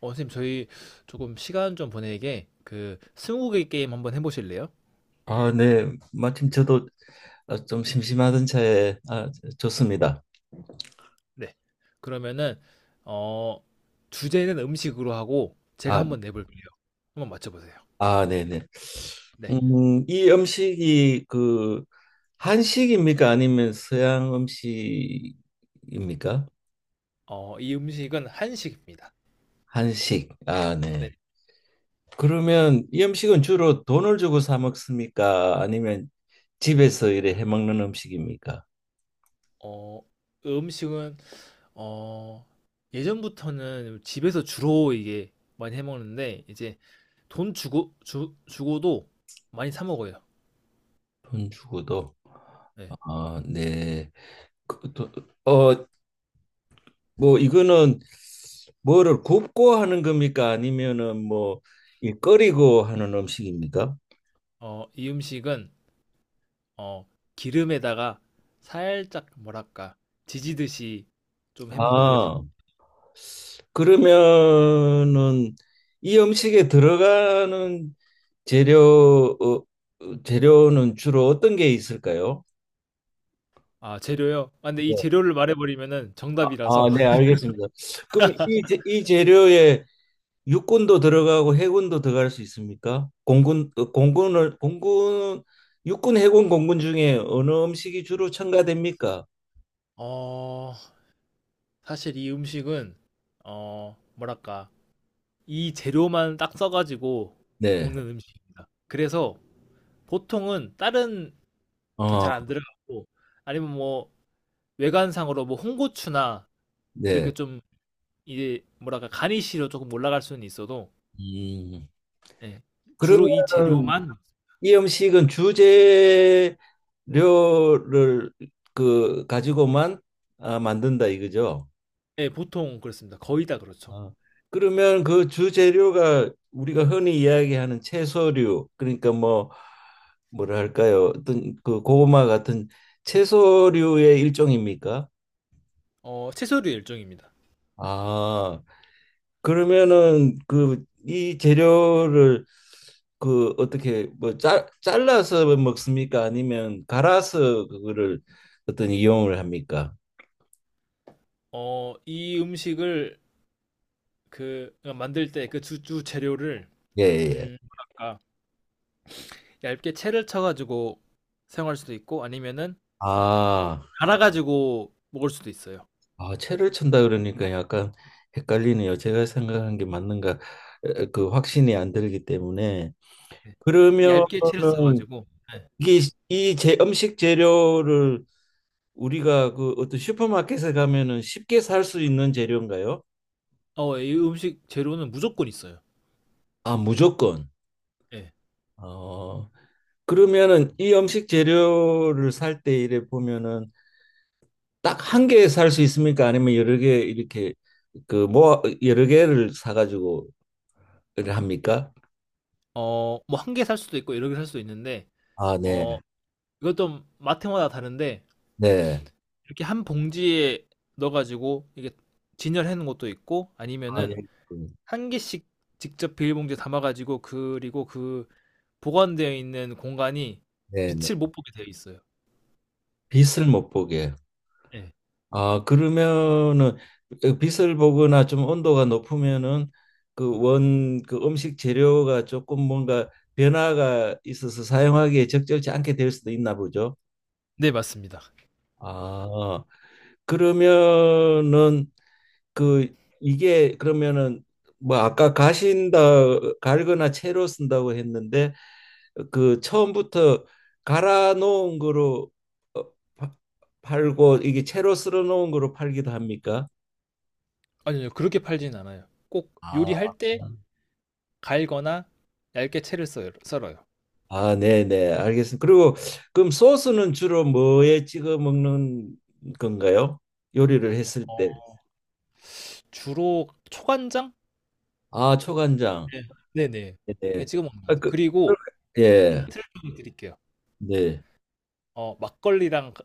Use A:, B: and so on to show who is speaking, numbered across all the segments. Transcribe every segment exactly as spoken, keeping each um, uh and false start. A: 어, 선생님, 저희 조금 시간 좀 보내게 그 스무고개 게임 한번 해보실래요?
B: 아, 네. 마침 저도 아, 좀 심심하던 차에 아, 좋습니다.
A: 네. 그러면은 어 주제는 음식으로 하고 제가
B: 아,
A: 한번 내볼게요. 한번 맞춰보세요.
B: 아, 네네.
A: 네.
B: 음, 이 음식이 그 한식입니까? 아니면 서양 음식입니까?
A: 어, 이 음식은 한식입니다.
B: 한식. 아, 네.
A: 네.
B: 그러면 이 음식은 주로 돈을 주고 사 먹습니까? 아니면 집에서 이래 해 먹는 음식입니까?
A: 어, 음식은 어 예전부터는 집에서 주로 이게 많이 해먹는데 이제 돈 주고 주, 주고도 많이 사 먹어요.
B: 돈 주고도.
A: 네.
B: 아, 네. 그, 또, 어, 뭐 이거는 뭐를 굽고 하는 겁니까? 아니면은 뭐 이 끓이고 하는 음식입니까?
A: 어, 이 음식은 어, 기름에다가 살짝 뭐랄까 지지듯이 좀 해먹는 음식.
B: 아, 그러면은 이 음식에 들어가는 재료 어, 어, 재료는 주로 어떤 게 있을까요?
A: 아, 재료요? 아, 근데 이
B: 네.
A: 재료를 말해버리면은
B: 아,
A: 정답이라서.
B: 아, 네, 알겠습니다. 그럼 이, 재- 이 재료에 육군도 들어가고 해군도 들어갈 수 있습니까? 공군 어, 공군을 공군 육군 해군 공군 중에 어느 음식이 주로 첨가됩니까?
A: 어, 사실 이 음식은 어, 뭐랄까 이 재료만 딱 써가지고
B: 네,
A: 먹는 음식입니다. 그래서 보통은 다른 게 잘
B: 어,
A: 안 들어가고 아니면 뭐 외관상으로 뭐 홍고추나
B: 네.
A: 이렇게 좀 이제 뭐랄까 가니쉬로 조금 올라갈 수는 있어도
B: 음.
A: 예, 주로 이
B: 그러면
A: 재료만.
B: 이 음식은 주재료를 그 가지고만 아, 만든다 이거죠?
A: 네, 보통 그렇습니다. 거의 다 그렇죠.
B: 아, 그러면 그 주재료가 우리가 흔히 이야기하는 채소류, 그러니까 뭐 뭐랄까요? 어떤 그 고구마 같은 채소류의 일종입니까?
A: 어, 채소류 일종입니다.
B: 아, 그러면은 그 이 재료를 그 어떻게 뭐 짜, 잘라서 먹습니까? 아니면 갈아서 그거를 어떤 이용을 합니까?
A: 어, 이 음식을 그 그러니까 만들 때 그 주주 재료를
B: 예, 예. 예.
A: 음, 뭐랄까 얇게 채를 쳐가지고 사용할 수도 있고 아니면은
B: 아,
A: 갈아가지고 먹을 수도 있어요.
B: 아, 채를 춘다 그러니까 약간 헷갈리네요. 제가 생각한 게 맞는가 에, 그 확신이 안 들기 때문에
A: 네. 얇게 채를
B: 그러면은
A: 써가지고. 네.
B: 이게 이 제 음식 재료를 우리가 그 어떤 슈퍼마켓에 가면은 쉽게 살 수 있는 재료인가요?
A: 어, 이 음식 재료는 무조건 있어요.
B: 아, 무조건.
A: 예.
B: 어, 그러면은 이 음식 재료를 살 때 이래 보면은 딱 한 개 살 수 있습니까? 아니면 여러 개 이렇게 그 모아 여러 개를 사가지고 이래 합니까?
A: 어, 뭐 한 개 살 수도 있고 여러 개 살 수도 있는데
B: 아, 네.
A: 어, 이것도 마트마다 다른데
B: 네.
A: 이렇게 한 봉지에 넣어 가지고 이게 진열해 놓은 것도 있고
B: 아, 예.
A: 아니면은 한 개씩 직접 비닐봉지에 담아 가지고 그리고 그 보관되어 있는 공간이
B: 네네.
A: 빛을 못 보게 되어 있어요.
B: 빛을 못 보게.
A: 예.
B: 아, 그러면은 그 빛을 보거나 좀 온도가 높으면은 그 원, 그 음식 재료가 조금 뭔가 변화가 있어서 사용하기에 적절치 않게 될 수도 있나 보죠.
A: 네 맞습니다.
B: 아, 그러면은 그 이게 그러면은 뭐 아까 가신다 갈거나 채로 쓴다고 했는데 그 처음부터 갈아 놓은 거로 어, 파- 팔고 이게 채로 썰어 놓은 거로 팔기도 합니까?
A: 아니요. 그렇게 팔지는 않아요. 꼭
B: 아,
A: 요리할 때 갈거나 얇게 채를 썰 썰어요.
B: 아, 네, 네, 알겠습니다. 그리고 그럼 소스는 주로 뭐에 찍어 먹는 건가요? 요리를 했을 때.
A: 어 주로 초간장?
B: 아, 초간장.
A: 네. 네네.
B: 네.
A: 예
B: 네.
A: 찍어 먹는 것
B: 아,
A: 같아요.
B: 그, 그-
A: 그리고
B: 예,
A: 힌트를 좀 드릴게요.
B: 네.
A: 어 막걸리랑 가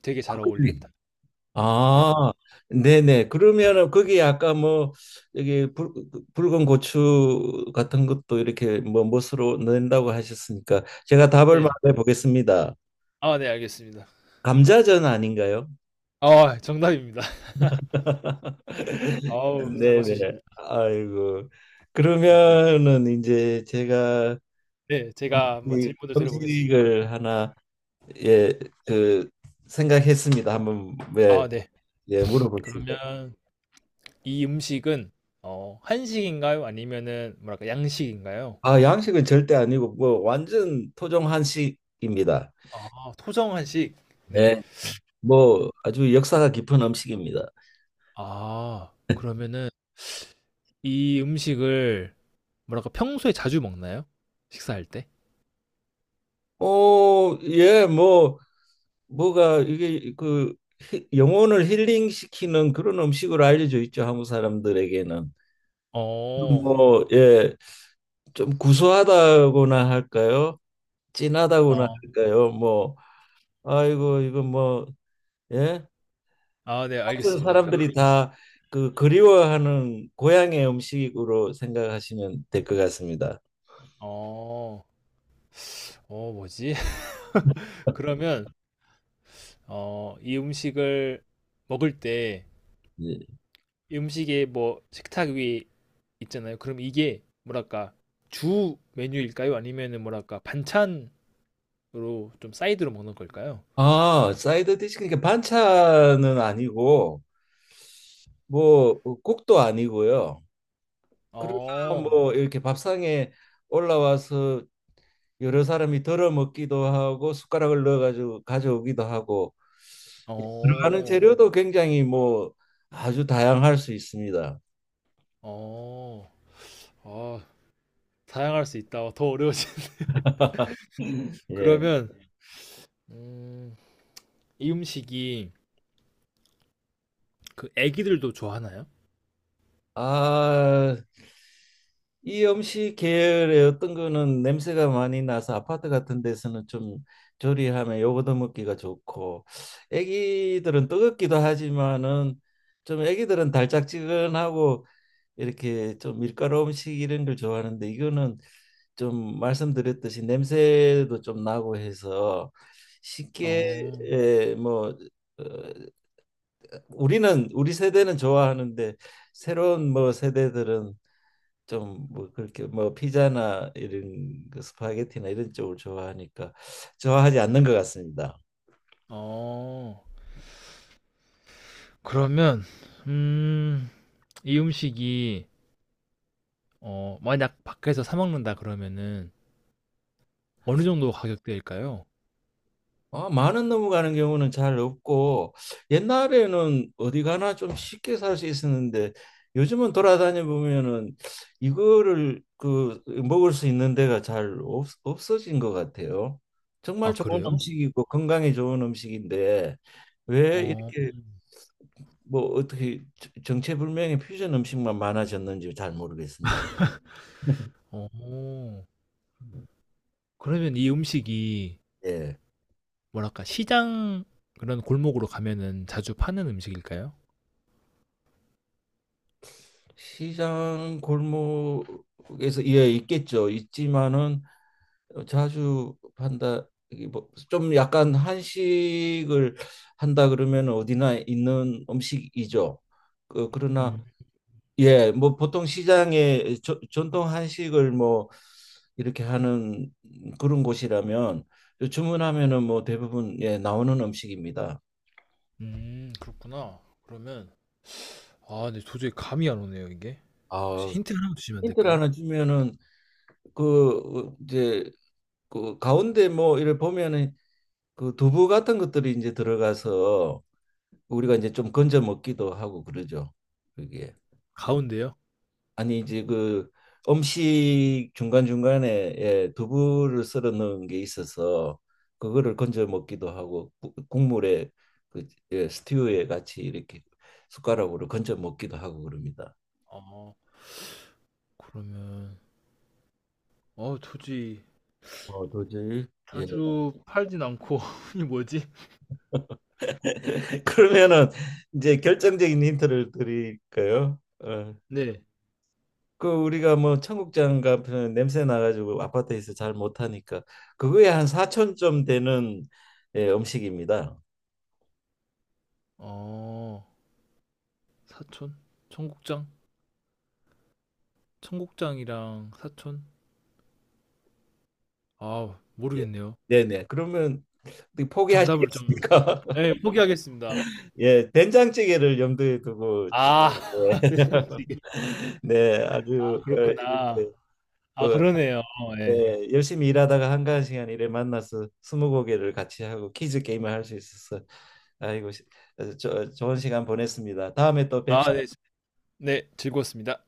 A: 되게 잘
B: 막걸리.
A: 어울립니다. 네.
B: 아, 네네. 그러면은 거기 아까 뭐 여기 붉, 붉은 고추 같은 것도 이렇게 뭐 멋으로 넣는다고 하셨으니까 제가 답을
A: 네.
B: 말해 보겠습니다.
A: 아 네 알겠습니다.
B: 감자전 아닌가요?
A: 어 정답입니다. 어우 잘
B: 네네.
A: 맞추십니다.
B: 아이고.
A: 네.
B: 그러면은 이제 제가
A: 네, 제가 한번
B: 이
A: 질문을 드려보겠습니다.
B: 음식을 하나 예, 그 생각했습니다. 한번 예,
A: 아, 네.
B: 예 물어봅시다.
A: 그러면 이 음식은 어, 한식인가요? 아니면은 뭐랄까 양식인가요?
B: 아, 양식은 절대 아니고 뭐 완전 토종 한식입니다.
A: 아, 토정 한식. 네.
B: 네. 뭐 아주 역사가 깊은 음식입니다.
A: 아, 그러면은 이 음식을 뭐랄까 평소에 자주 먹나요? 식사할 때?
B: 어, 예, 뭐 뭐가 이게 그 히- 영혼을 힐링시키는 그런 음식으로 알려져 있죠, 한국 사람들에게는.
A: 어.
B: 뭐 예, 좀 구수하다고나 할까요? 진하다고나
A: 어.
B: 할까요? 뭐 아이고 이거 뭐 예?
A: 아, 네,
B: 같은
A: 알겠습니다. 그러면
B: 사람들이 다 그 그리워하는 고향의 음식으로 생각하시면 될 것 같습니다.
A: 어. 어, 뭐지? 그러면 어, 이 음식을 먹을 때
B: 예.
A: 음식에 뭐 식탁 위에 있잖아요. 그럼 이게 뭐랄까 주 메뉴일까요? 아니면은 뭐랄까 반찬으로 좀 사이드로 먹는 걸까요?
B: 아, 사이드 디시 그러니까 반찬은 아니고 뭐 어, 국도 아니고요. 그러나
A: 어,
B: 뭐 이렇게 밥상에 올라와서 여러 사람이 덜어 먹기도 하고 숟가락을 넣어가지고 가져오기도 하고 예, 들어가는
A: 어,
B: 재료도 굉장히 뭐 아주 다양할 수 있습니다.
A: 어, 아, 다양할 수 있다. 더 어려워요.
B: 예.
A: 그러면 음, 이 음식이 그 애기들도 좋아하나요?
B: 아, 이 음식 계열의 어떤 거는 냄새가 많이 나서 아파트 같은 데서는 좀 조리하면 요거도 먹기가 좋고 애기들은 뜨겁기도 하지만은 좀 애기들은 달짝지근하고 이렇게 좀 밀가루 음식 이런 걸 좋아하는데 이거는 좀 말씀드렸듯이 냄새도 좀 나고 해서 쉽게
A: 어,
B: 예, 뭐 어, 우리는 우리 세대는 좋아하는데 새로운 뭐 세대들은 좀 뭐 그렇게 뭐 피자나 이런 그 스파게티나 이런 쪽을 좋아하니까 좋아하지 않는 것 같습니다.
A: 어. 그러면 음, 이 음식이 어, 만약 밖에서 사 먹는다 그러면은 어느 정도 가격대일까요?
B: 아, 많은 넘어가는 경우는 잘 없고 옛날에는 어디 가나 좀 쉽게 살 수 있었는데 요즘은 돌아다녀 보면은 이거를 그 먹을 수 있는 데가 잘 없, 없어진 것 같아요. 정말
A: 아
B: 좋은
A: 그래요?
B: 음식이고 건강에 좋은 음식인데 왜
A: 어.
B: 이렇게 뭐 어떻게 정체불명의 퓨전 음식만 많아졌는지 잘 모르겠습니다.
A: 어. 그러면 이 음식이
B: 예.
A: 뭐랄까 시장 그런 골목으로 가면은 자주 파는 음식일까요?
B: 시장 골목에서 예 있겠죠. 있지만은 자주 판다 뭐 좀 약간 한식을 한다 그러면 어디나 있는 음식이죠. 그, 그러나
A: 음.
B: 예, 뭐 보통 시장에 저- 전통 한식을 뭐 이렇게 하는 그런 곳이라면 주문하면은 뭐 대부분 예 나오는 음식입니다.
A: 음 그렇구나. 그러면 아 근데 도저히 감이 안 오네요 이게. 혹시
B: 아
A: 힌트 하나 주시면 안
B: 힌트를
A: 될까요?
B: 하나 주면은 그 어, 이제 그 가운데 뭐 이를 보면은 그 두부 같은 것들이 이제 들어가서 우리가 이제 좀 건져 먹기도 하고 그러죠. 그게
A: 가운데요?
B: 아니 이제 그 음식 중간중간에 예, 두부를 썰어 넣은 게 있어서 그거를 건져 먹기도 하고 구- 국물에 그 예, 스튜에 같이 이렇게 숟가락으로 건져 먹기도 하고 그럽니다.
A: 어 그러면 어 도저히
B: 어, 도저히 예.
A: 자주 팔진 않고 이 뭐지?
B: 그러면은 이제 결정적인 힌트를 드릴까요? 어.
A: 네.
B: 그 우리가 뭐 청국장 같은 냄새 나가지고 아파트에서 잘 못하니까 그거에 한 사천 점 되는 예, 음식입니다.
A: 어 사촌? 청국장? 청국장이랑 사촌? 아
B: 예.
A: 모르겠네요.
B: 네네. 그러면 어떻게
A: 정답을 좀.
B: 포기하시겠습니까?
A: 네, 포기하겠습니다.
B: 예, 된장찌개를 염두에 두고 지금,
A: 아,
B: 예.
A: 대단하시게.
B: 네, 아주 어,
A: 그렇구나.
B: 이렇게
A: 아,
B: 어,
A: 그러네요. 예.
B: 네, 열심히 일하다가 한가한 시간 일에 만나서 스무고개를 같이 하고 퀴즈 게임을 할 수 있어서 아이고 시- 어, 저, 좋은 시간 보냈습니다. 다음에 또 뵙시.
A: 아, 네. 네, 즐거웠습니다.